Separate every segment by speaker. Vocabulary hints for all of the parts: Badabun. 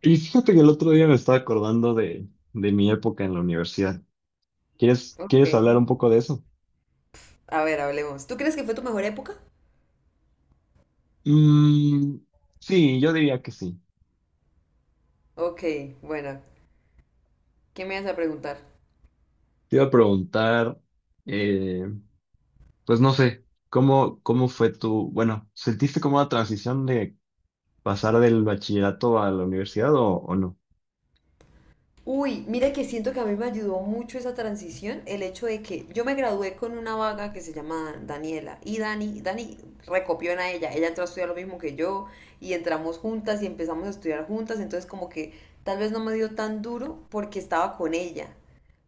Speaker 1: Y fíjate que el otro día me estaba acordando de mi época en la universidad. ¿Quieres,
Speaker 2: Ok.
Speaker 1: quieres hablar un poco de eso?
Speaker 2: A ver, hablemos. ¿Tú crees que fue tu mejor época?
Speaker 1: Mm, sí, yo diría que sí.
Speaker 2: Ok, buena. ¿Qué me vas a preguntar?
Speaker 1: Te iba a preguntar, eh, pues no sé, ¿cómo fue tu, bueno, ¿sentiste como la transición de pasar del bachillerato a la universidad o no?
Speaker 2: Uy, mira que siento que a mí me ayudó mucho esa transición, el hecho de que yo me gradué con una vaga que se llama Daniela y Dani recopió en a ella, ella entró a estudiar lo mismo que yo y entramos juntas y empezamos a estudiar juntas, entonces como que tal vez no me dio tan duro porque estaba con ella.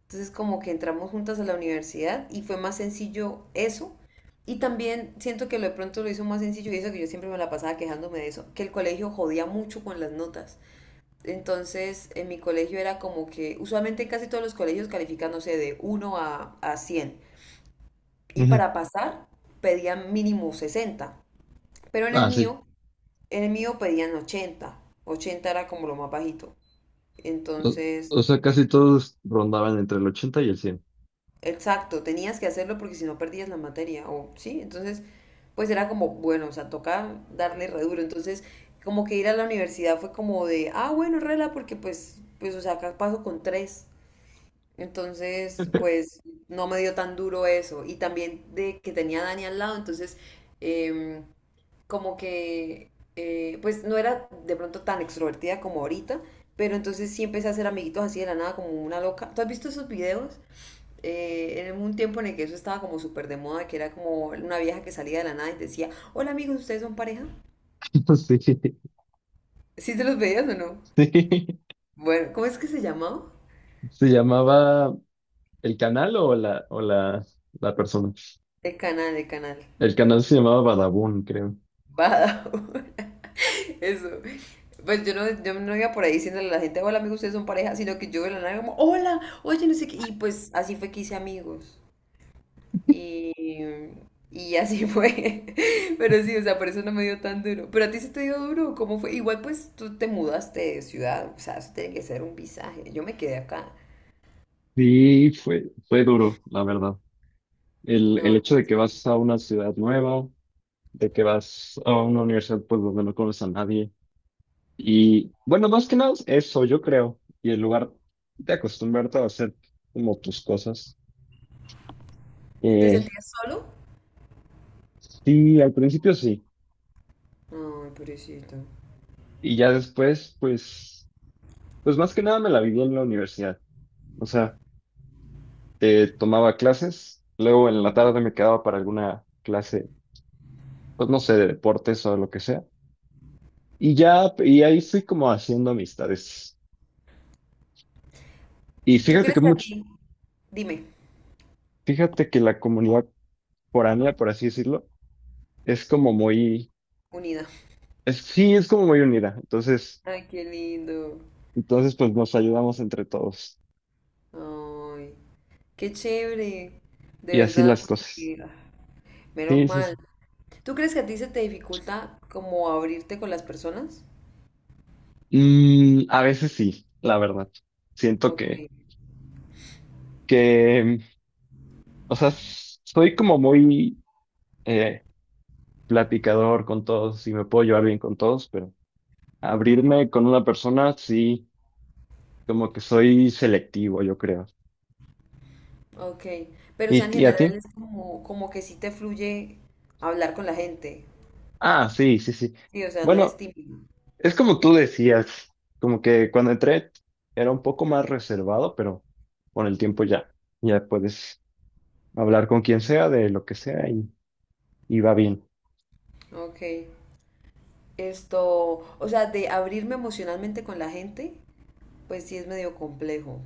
Speaker 2: Entonces como que entramos juntas a la universidad y fue más sencillo eso. Y también siento que lo de pronto lo hizo más sencillo y eso que yo siempre me la pasaba quejándome de eso, que el colegio jodía mucho con las notas. Entonces en mi colegio era como que usualmente en casi todos los colegios califican, no sé, de 1 a 100. Y
Speaker 1: Ujú.
Speaker 2: para pasar pedían mínimo 60. Pero en el
Speaker 1: Ah, sí.
Speaker 2: mío, en el mío pedían 80. 80 era como lo más bajito.
Speaker 1: O,
Speaker 2: Entonces
Speaker 1: o sea, casi todos rondaban entre el ochenta y el cien.
Speaker 2: exacto, tenías que hacerlo porque si no perdías la materia, o sí, entonces, pues era como, bueno, o sea, toca darle re duro, entonces, como que ir a la universidad fue como de, ah, bueno, rela, porque pues, o sea, acá paso con tres, entonces, pues, no me dio tan duro eso, y también de que tenía a Dani al lado, entonces, em, como que, pues, no era de pronto tan extrovertida como ahorita, pero entonces sí empecé a hacer amiguitos así de la nada, como una loca. ¿Tú has visto esos videos? En un tiempo en el que eso estaba como súper de moda, que era como una vieja que salía de la nada y decía, hola amigos, ¿ustedes son pareja?
Speaker 1: Sí, sí.
Speaker 2: ¿Sí te los veías o no? Bueno, ¿cómo es que se llamaba?
Speaker 1: ¿Se llamaba el canal o la persona?
Speaker 2: El canal, el canal.
Speaker 1: El canal se llamaba Badabun, creo.
Speaker 2: Badajoz. Eso. Pues yo no, yo no iba por ahí diciéndole a la gente, hola amigos, ustedes son pareja, sino que yo de la nada como, hola, oye, no sé qué. Y pues así fue que hice amigos. Y, y así fue. Pero sí, o sea, por eso no me dio tan duro. Pero a ti sí te dio duro, ¿cómo fue? Igual pues tú te mudaste de ciudad, o sea, eso tiene que ser un visaje. Yo me quedé acá.
Speaker 1: Sí fue, fue duro, la verdad. El
Speaker 2: No,
Speaker 1: hecho
Speaker 2: qué
Speaker 1: de que
Speaker 2: triste.
Speaker 1: vas a una ciudad nueva, de que vas a una universidad pues donde no conoces a nadie. Y bueno, más que nada eso, yo creo. Y el lugar de acostumbrarte a hacer como tus cosas.
Speaker 2: ¿Te
Speaker 1: Eh,
Speaker 2: sentías solo?
Speaker 1: sí, al principio sí.
Speaker 2: Ay, pobrecito.
Speaker 1: Y ya después, pues, pues más que nada me la viví en la universidad. O sea, tomaba clases, luego en la tarde me quedaba para alguna clase pues no sé, de deportes o lo que sea. Y ya, y ahí fui como haciendo amistades. Y
Speaker 2: ¿Tú
Speaker 1: fíjate
Speaker 2: crees
Speaker 1: que
Speaker 2: que a
Speaker 1: mucho,
Speaker 2: ti? Dime,
Speaker 1: fíjate que la comunidad foránea, por así decirlo, es como muy,
Speaker 2: unida.
Speaker 1: es, sí, es como muy unida.
Speaker 2: Ay, qué lindo.
Speaker 1: Entonces pues nos ayudamos entre todos.
Speaker 2: Ay, qué chévere.
Speaker 1: Y
Speaker 2: De
Speaker 1: así
Speaker 2: verdad,
Speaker 1: las cosas.
Speaker 2: porque ah, menos
Speaker 1: Sí, sí,
Speaker 2: mal.
Speaker 1: sí.
Speaker 2: ¿Tú crees que a ti se te dificulta como abrirte con las personas?
Speaker 1: Mm, a veces sí, la verdad. Siento
Speaker 2: Ok.
Speaker 1: que, o sea, s- soy como muy eh, platicador con todos y me puedo llevar bien con todos, pero abrirme con una persona, sí. Como que soy selectivo, yo creo.
Speaker 2: Ok, pero o sea, en
Speaker 1: Y a
Speaker 2: general
Speaker 1: ti?
Speaker 2: es como, como que sí te fluye hablar con la gente.
Speaker 1: Ah, sí, sí, sí.
Speaker 2: Sí, o sea, no eres
Speaker 1: Bueno,
Speaker 2: tímido.
Speaker 1: es como tú decías, como que cuando entré era un poco más reservado, pero con el tiempo ya, ya puedes hablar con quien sea de lo que sea y va bien.
Speaker 2: Ok, esto, o sea, de abrirme emocionalmente con la gente, pues sí es medio complejo,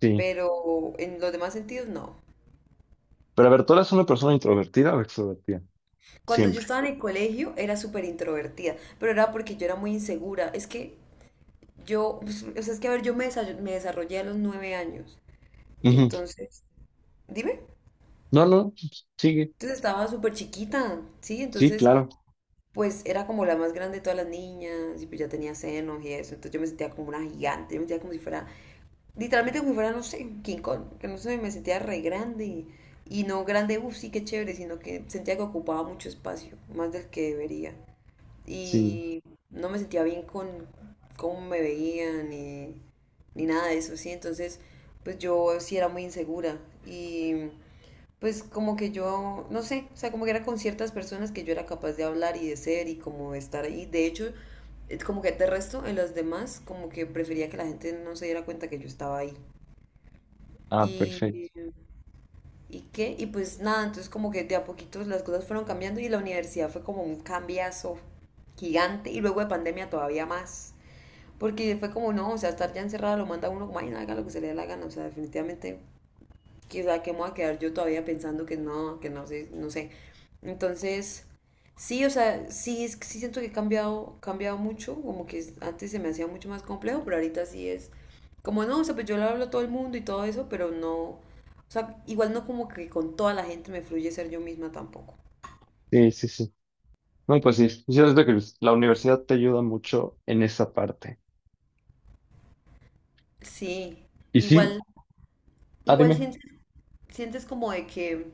Speaker 1: Sí.
Speaker 2: pero en los demás sentidos no.
Speaker 1: Pero a ver, ¿tú eres una persona introvertida o extrovertida?
Speaker 2: Cuando yo
Speaker 1: Siempre.
Speaker 2: estaba en el colegio era súper introvertida, pero era porque yo era muy insegura. Es que yo, pues, o sea, es que a ver, me desarrollé a los 9 años.
Speaker 1: Ujú.
Speaker 2: Entonces, dime,
Speaker 1: No, no, sigue.
Speaker 2: entonces estaba súper chiquita, ¿sí?
Speaker 1: Sí,
Speaker 2: Entonces
Speaker 1: claro.
Speaker 2: pues era como la más grande de todas las niñas y pues ya tenía senos y eso, entonces yo me sentía como una gigante, yo me sentía como si fuera, literalmente como si fuera, no sé, King Kong, que no sé, me sentía re grande y no grande, uff, sí, qué chévere, sino que sentía que ocupaba mucho espacio, más del que debería.
Speaker 1: Sí.
Speaker 2: Y no me sentía bien con cómo me veían ni nada de eso, sí, entonces pues yo sí era muy insegura y pues como que yo, no sé, o sea, como que era con ciertas personas que yo era capaz de hablar y de ser y como de estar ahí. De hecho, es como que de resto, en las demás, como que prefería que la gente no se diera cuenta que yo estaba ahí.
Speaker 1: Ah, perfecto.
Speaker 2: Y, ¿y qué? Y pues nada, entonces como que de a poquitos las cosas fueron cambiando y la universidad fue como un cambiazo gigante y luego de pandemia todavía más. Porque fue como, no, o sea, estar ya encerrada lo manda a uno como, ay, no, haga lo que se le dé la gana, o sea, definitivamente quizá que me voy a quedar yo todavía pensando que no sé, no sé. Entonces, sí, o sea, sí, sí siento que he cambiado, cambiado mucho, como que antes se me hacía mucho más complejo, pero ahorita sí es como no, o sea, pues yo le hablo a todo el mundo y todo eso, pero no, o sea, igual no como que con toda la gente me fluye ser yo misma tampoco.
Speaker 1: Sí, sí, sí. No, pues sí. Yo creo que la universidad te ayuda mucho en esa parte.
Speaker 2: Sí,
Speaker 1: Y sí,
Speaker 2: igual,
Speaker 1: ah,
Speaker 2: igual
Speaker 1: dime.
Speaker 2: sientes como de que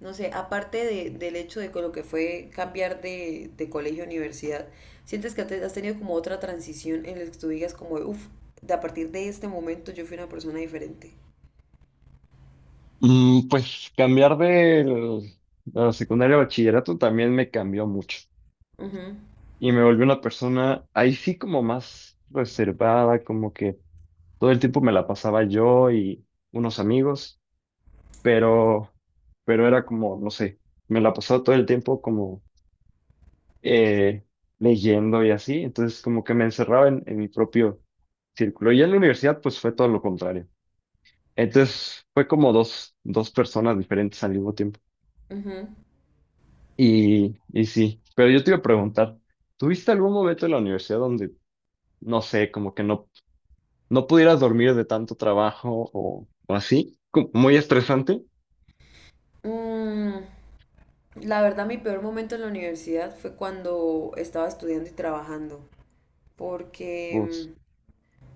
Speaker 2: no sé, aparte del hecho de con lo que fue cambiar de colegio a universidad, ¿sientes que has tenido como otra transición en la que tú digas como, uff, de a partir de este momento yo fui una persona diferente?
Speaker 1: Mm, pues cambiar del, de la secundaria a bachillerato también me cambió mucho
Speaker 2: Ujú,
Speaker 1: y me volví una persona ahí sí como más reservada, como que todo el tiempo me la pasaba yo y unos amigos, pero, pero era como, no sé, me la pasaba todo el tiempo como eh, leyendo y así, entonces como que me encerraba en mi propio círculo y en la universidad pues fue todo lo contrario. Entonces fue como dos personas diferentes al mismo tiempo.
Speaker 2: ujú.
Speaker 1: Y sí, pero yo te iba a preguntar, ¿tuviste algún momento en la universidad donde, no sé, como que no pudieras dormir de tanto trabajo o así? Como muy estresante.
Speaker 2: Mm, la verdad, mi peor momento en la universidad fue cuando estaba estudiando y trabajando,
Speaker 1: Uf,
Speaker 2: porque mm,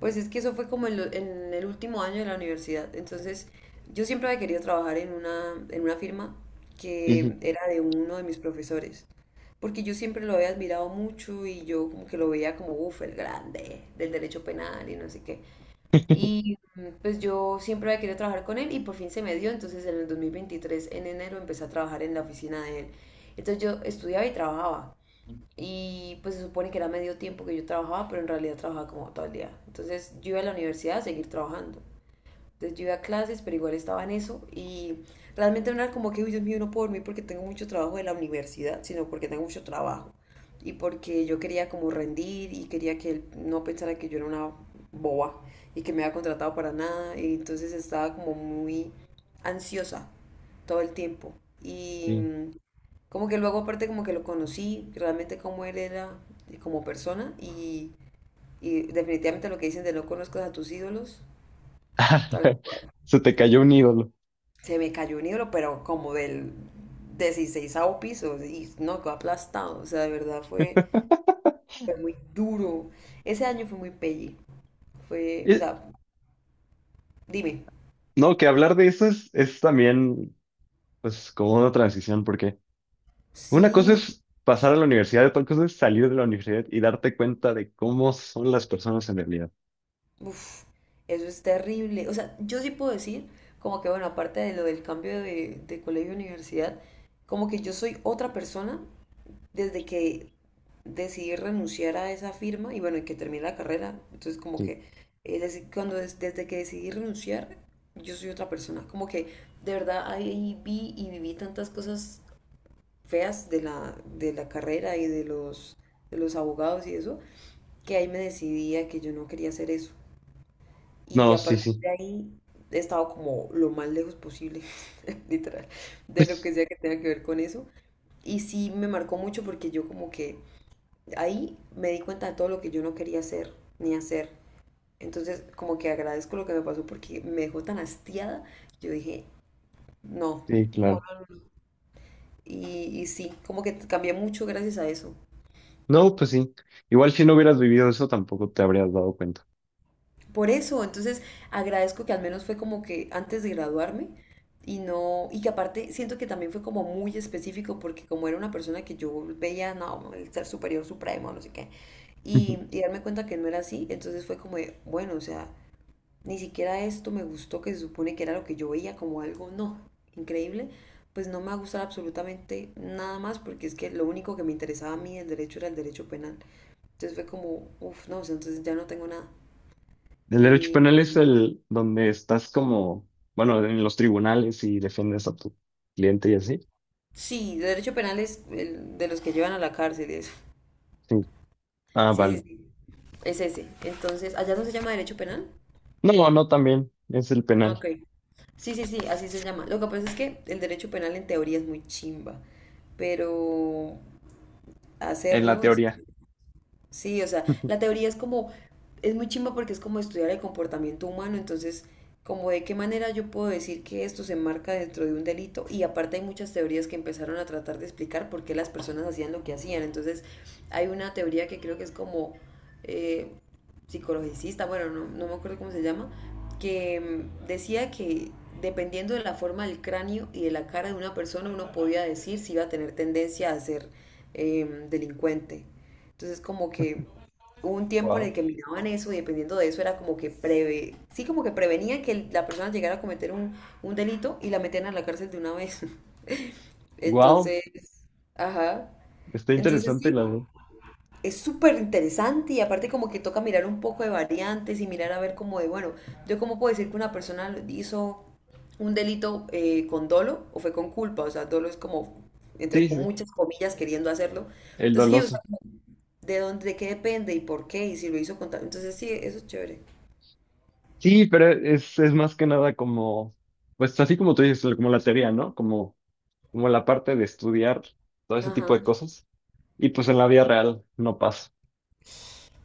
Speaker 2: pues es que eso fue como en el último año de la universidad. Entonces, yo siempre había querido trabajar en una firma que
Speaker 1: ujú,
Speaker 2: era de uno de mis profesores. Porque yo siempre lo había admirado mucho y yo como que lo veía como, uff, el grande del derecho penal y no sé qué. Y pues yo siempre había querido trabajar con él y por fin se me dio. Entonces en el 2023, en enero, empecé a trabajar en la oficina de él. Entonces yo estudiaba y trabajaba. Y pues se supone que era medio tiempo que yo trabajaba, pero en realidad trabajaba como todo el día. Entonces yo iba a la universidad a seguir trabajando. Entonces yo iba a clases, pero igual estaba en eso y realmente no era como que, uy, Dios mío, no puedo dormir porque tengo mucho trabajo de la universidad, sino porque tengo mucho trabajo y porque yo quería como rendir y quería que él no pensara que yo era una boba y que me había contratado para nada y entonces estaba como muy ansiosa todo el tiempo y
Speaker 1: sí.
Speaker 2: como que luego aparte como que lo conocí realmente como él era como persona y definitivamente lo que dicen de no conozcas a tus ídolos, tal
Speaker 1: Se te cayó un ídolo.
Speaker 2: se me cayó un hilo, pero como del 16 piso, y no, quedó aplastado, o sea, de verdad fue muy duro. Ese año fue muy pelli, fue, o
Speaker 1: Eh,
Speaker 2: sea, dime,
Speaker 1: no, que hablar de eso es también, pues, como una transición, porque una cosa
Speaker 2: sí,
Speaker 1: es pasar a la universidad, otra cosa es salir de la universidad y darte cuenta de cómo son las personas en realidad.
Speaker 2: uf, eso es terrible. O sea, yo sí puedo decir, como que bueno, aparte de lo del cambio de colegio a universidad, como que yo soy otra persona desde que decidí renunciar a esa firma y bueno, y que terminé la carrera. Entonces, como
Speaker 1: Sí.
Speaker 2: que desde que decidí renunciar, yo soy otra persona. Como que de verdad ahí vi y viví tantas cosas feas de la carrera y de los abogados y eso, que ahí me decidí a que yo no quería hacer eso. Y
Speaker 1: No,
Speaker 2: a
Speaker 1: sí,
Speaker 2: partir
Speaker 1: sí.
Speaker 2: de ahí he estado como lo más lejos posible, literal, de lo que sea que tenga que ver con eso. Y sí me marcó mucho porque yo como que ahí me di cuenta de todo lo que yo no quería hacer ni hacer. Entonces como que agradezco lo que me pasó porque me dejó tan hastiada. Yo dije, no.
Speaker 1: Sí,
Speaker 2: Como
Speaker 1: claro.
Speaker 2: no. y, y sí, como que cambié mucho gracias a eso.
Speaker 1: No, pues sí. Igual si no hubieras vivido eso, tampoco te habrías dado cuenta.
Speaker 2: Por eso, entonces agradezco que al menos fue como que antes de graduarme y no, y que aparte siento que también fue como muy específico porque como era una persona que yo veía, no, el ser superior supremo, no sé qué, y, y darme cuenta que no era así, entonces fue como de, bueno, o sea, ni siquiera esto me gustó, que se supone que era lo que yo veía como algo, no, increíble, pues no me va a gustar absolutamente nada más porque es que lo único que me interesaba a mí del derecho era el derecho penal. Entonces fue como, uff, no, o sea, entonces ya no tengo nada.
Speaker 1: El derecho penal es el donde estás como, bueno, en los tribunales y defiendes a tu cliente y así.
Speaker 2: Sí, derecho penal es el de los que llevan a la cárcel y eso.
Speaker 1: Sí. Ah,
Speaker 2: Sí, sí,
Speaker 1: vale.
Speaker 2: sí. Es ese. Entonces, ¿allá no se llama derecho penal?
Speaker 1: No, no, también es el
Speaker 2: Ah,
Speaker 1: penal,
Speaker 2: Ok. Sí, sí, sí, así se llama. Lo que pasa es que el derecho penal en teoría es muy chimba, pero
Speaker 1: en la
Speaker 2: hacerlo es
Speaker 1: teoría.
Speaker 2: sí, o sea, la teoría es como, es muy chimba porque es como estudiar el comportamiento humano, entonces, como de qué manera yo puedo decir que esto se enmarca dentro de un delito. Y aparte hay muchas teorías que empezaron a tratar de explicar por qué las personas hacían lo que hacían. Entonces, hay una teoría que creo que es como eh, psicologicista, bueno, no, no me acuerdo cómo se llama, que decía que dependiendo de la forma del cráneo y de la cara de una persona, uno podía decir si iba a tener tendencia a ser delincuente. Entonces como que hubo un tiempo en
Speaker 1: Wow.
Speaker 2: el que miraban eso y dependiendo de eso era como que preve, sí como que prevenían que la persona llegara a cometer un delito y la metían a la cárcel de una vez.
Speaker 1: Wow,
Speaker 2: Entonces, ajá.
Speaker 1: está
Speaker 2: Entonces
Speaker 1: interesante
Speaker 2: sí,
Speaker 1: la verdad.
Speaker 2: es súper interesante y aparte como que toca mirar un poco de variantes y mirar a ver como de, bueno, yo cómo puedo decir que una persona hizo un delito con dolo o fue con culpa, o sea, dolo es como
Speaker 1: Sí,
Speaker 2: entre
Speaker 1: sí,
Speaker 2: con
Speaker 1: sí,
Speaker 2: muchas comillas queriendo hacerlo.
Speaker 1: el
Speaker 2: Entonces, sí, o sea,
Speaker 1: doloso.
Speaker 2: de dónde, de qué depende y por qué, y si lo hizo con tal. Entonces sí, eso es chévere.
Speaker 1: Sí, pero es más que nada como, pues así como tú dices, como la teoría, ¿no? Como, como la parte de estudiar todo ese tipo
Speaker 2: Ajá.
Speaker 1: de cosas. Y pues en la vida real no pasa.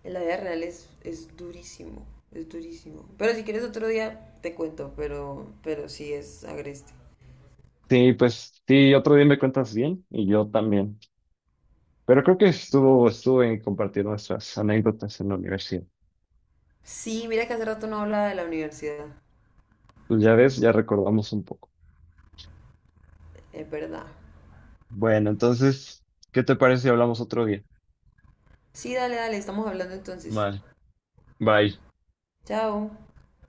Speaker 2: En la vida real es durísimo, es durísimo. Pero si quieres otro día te cuento, pero sí es agreste.
Speaker 1: Sí, pues sí, otro día me cuentas bien y yo también. Pero creo que estuvo, estuvo en compartir nuestras anécdotas en la universidad.
Speaker 2: Sí, mira que hace rato no hablaba de la universidad,
Speaker 1: Pues ya ves, ya recordamos un poco.
Speaker 2: es verdad.
Speaker 1: Bueno, entonces, ¿qué te parece si hablamos otro día?
Speaker 2: Sí, dale, dale, estamos hablando entonces.
Speaker 1: Vale, bye.
Speaker 2: Chao.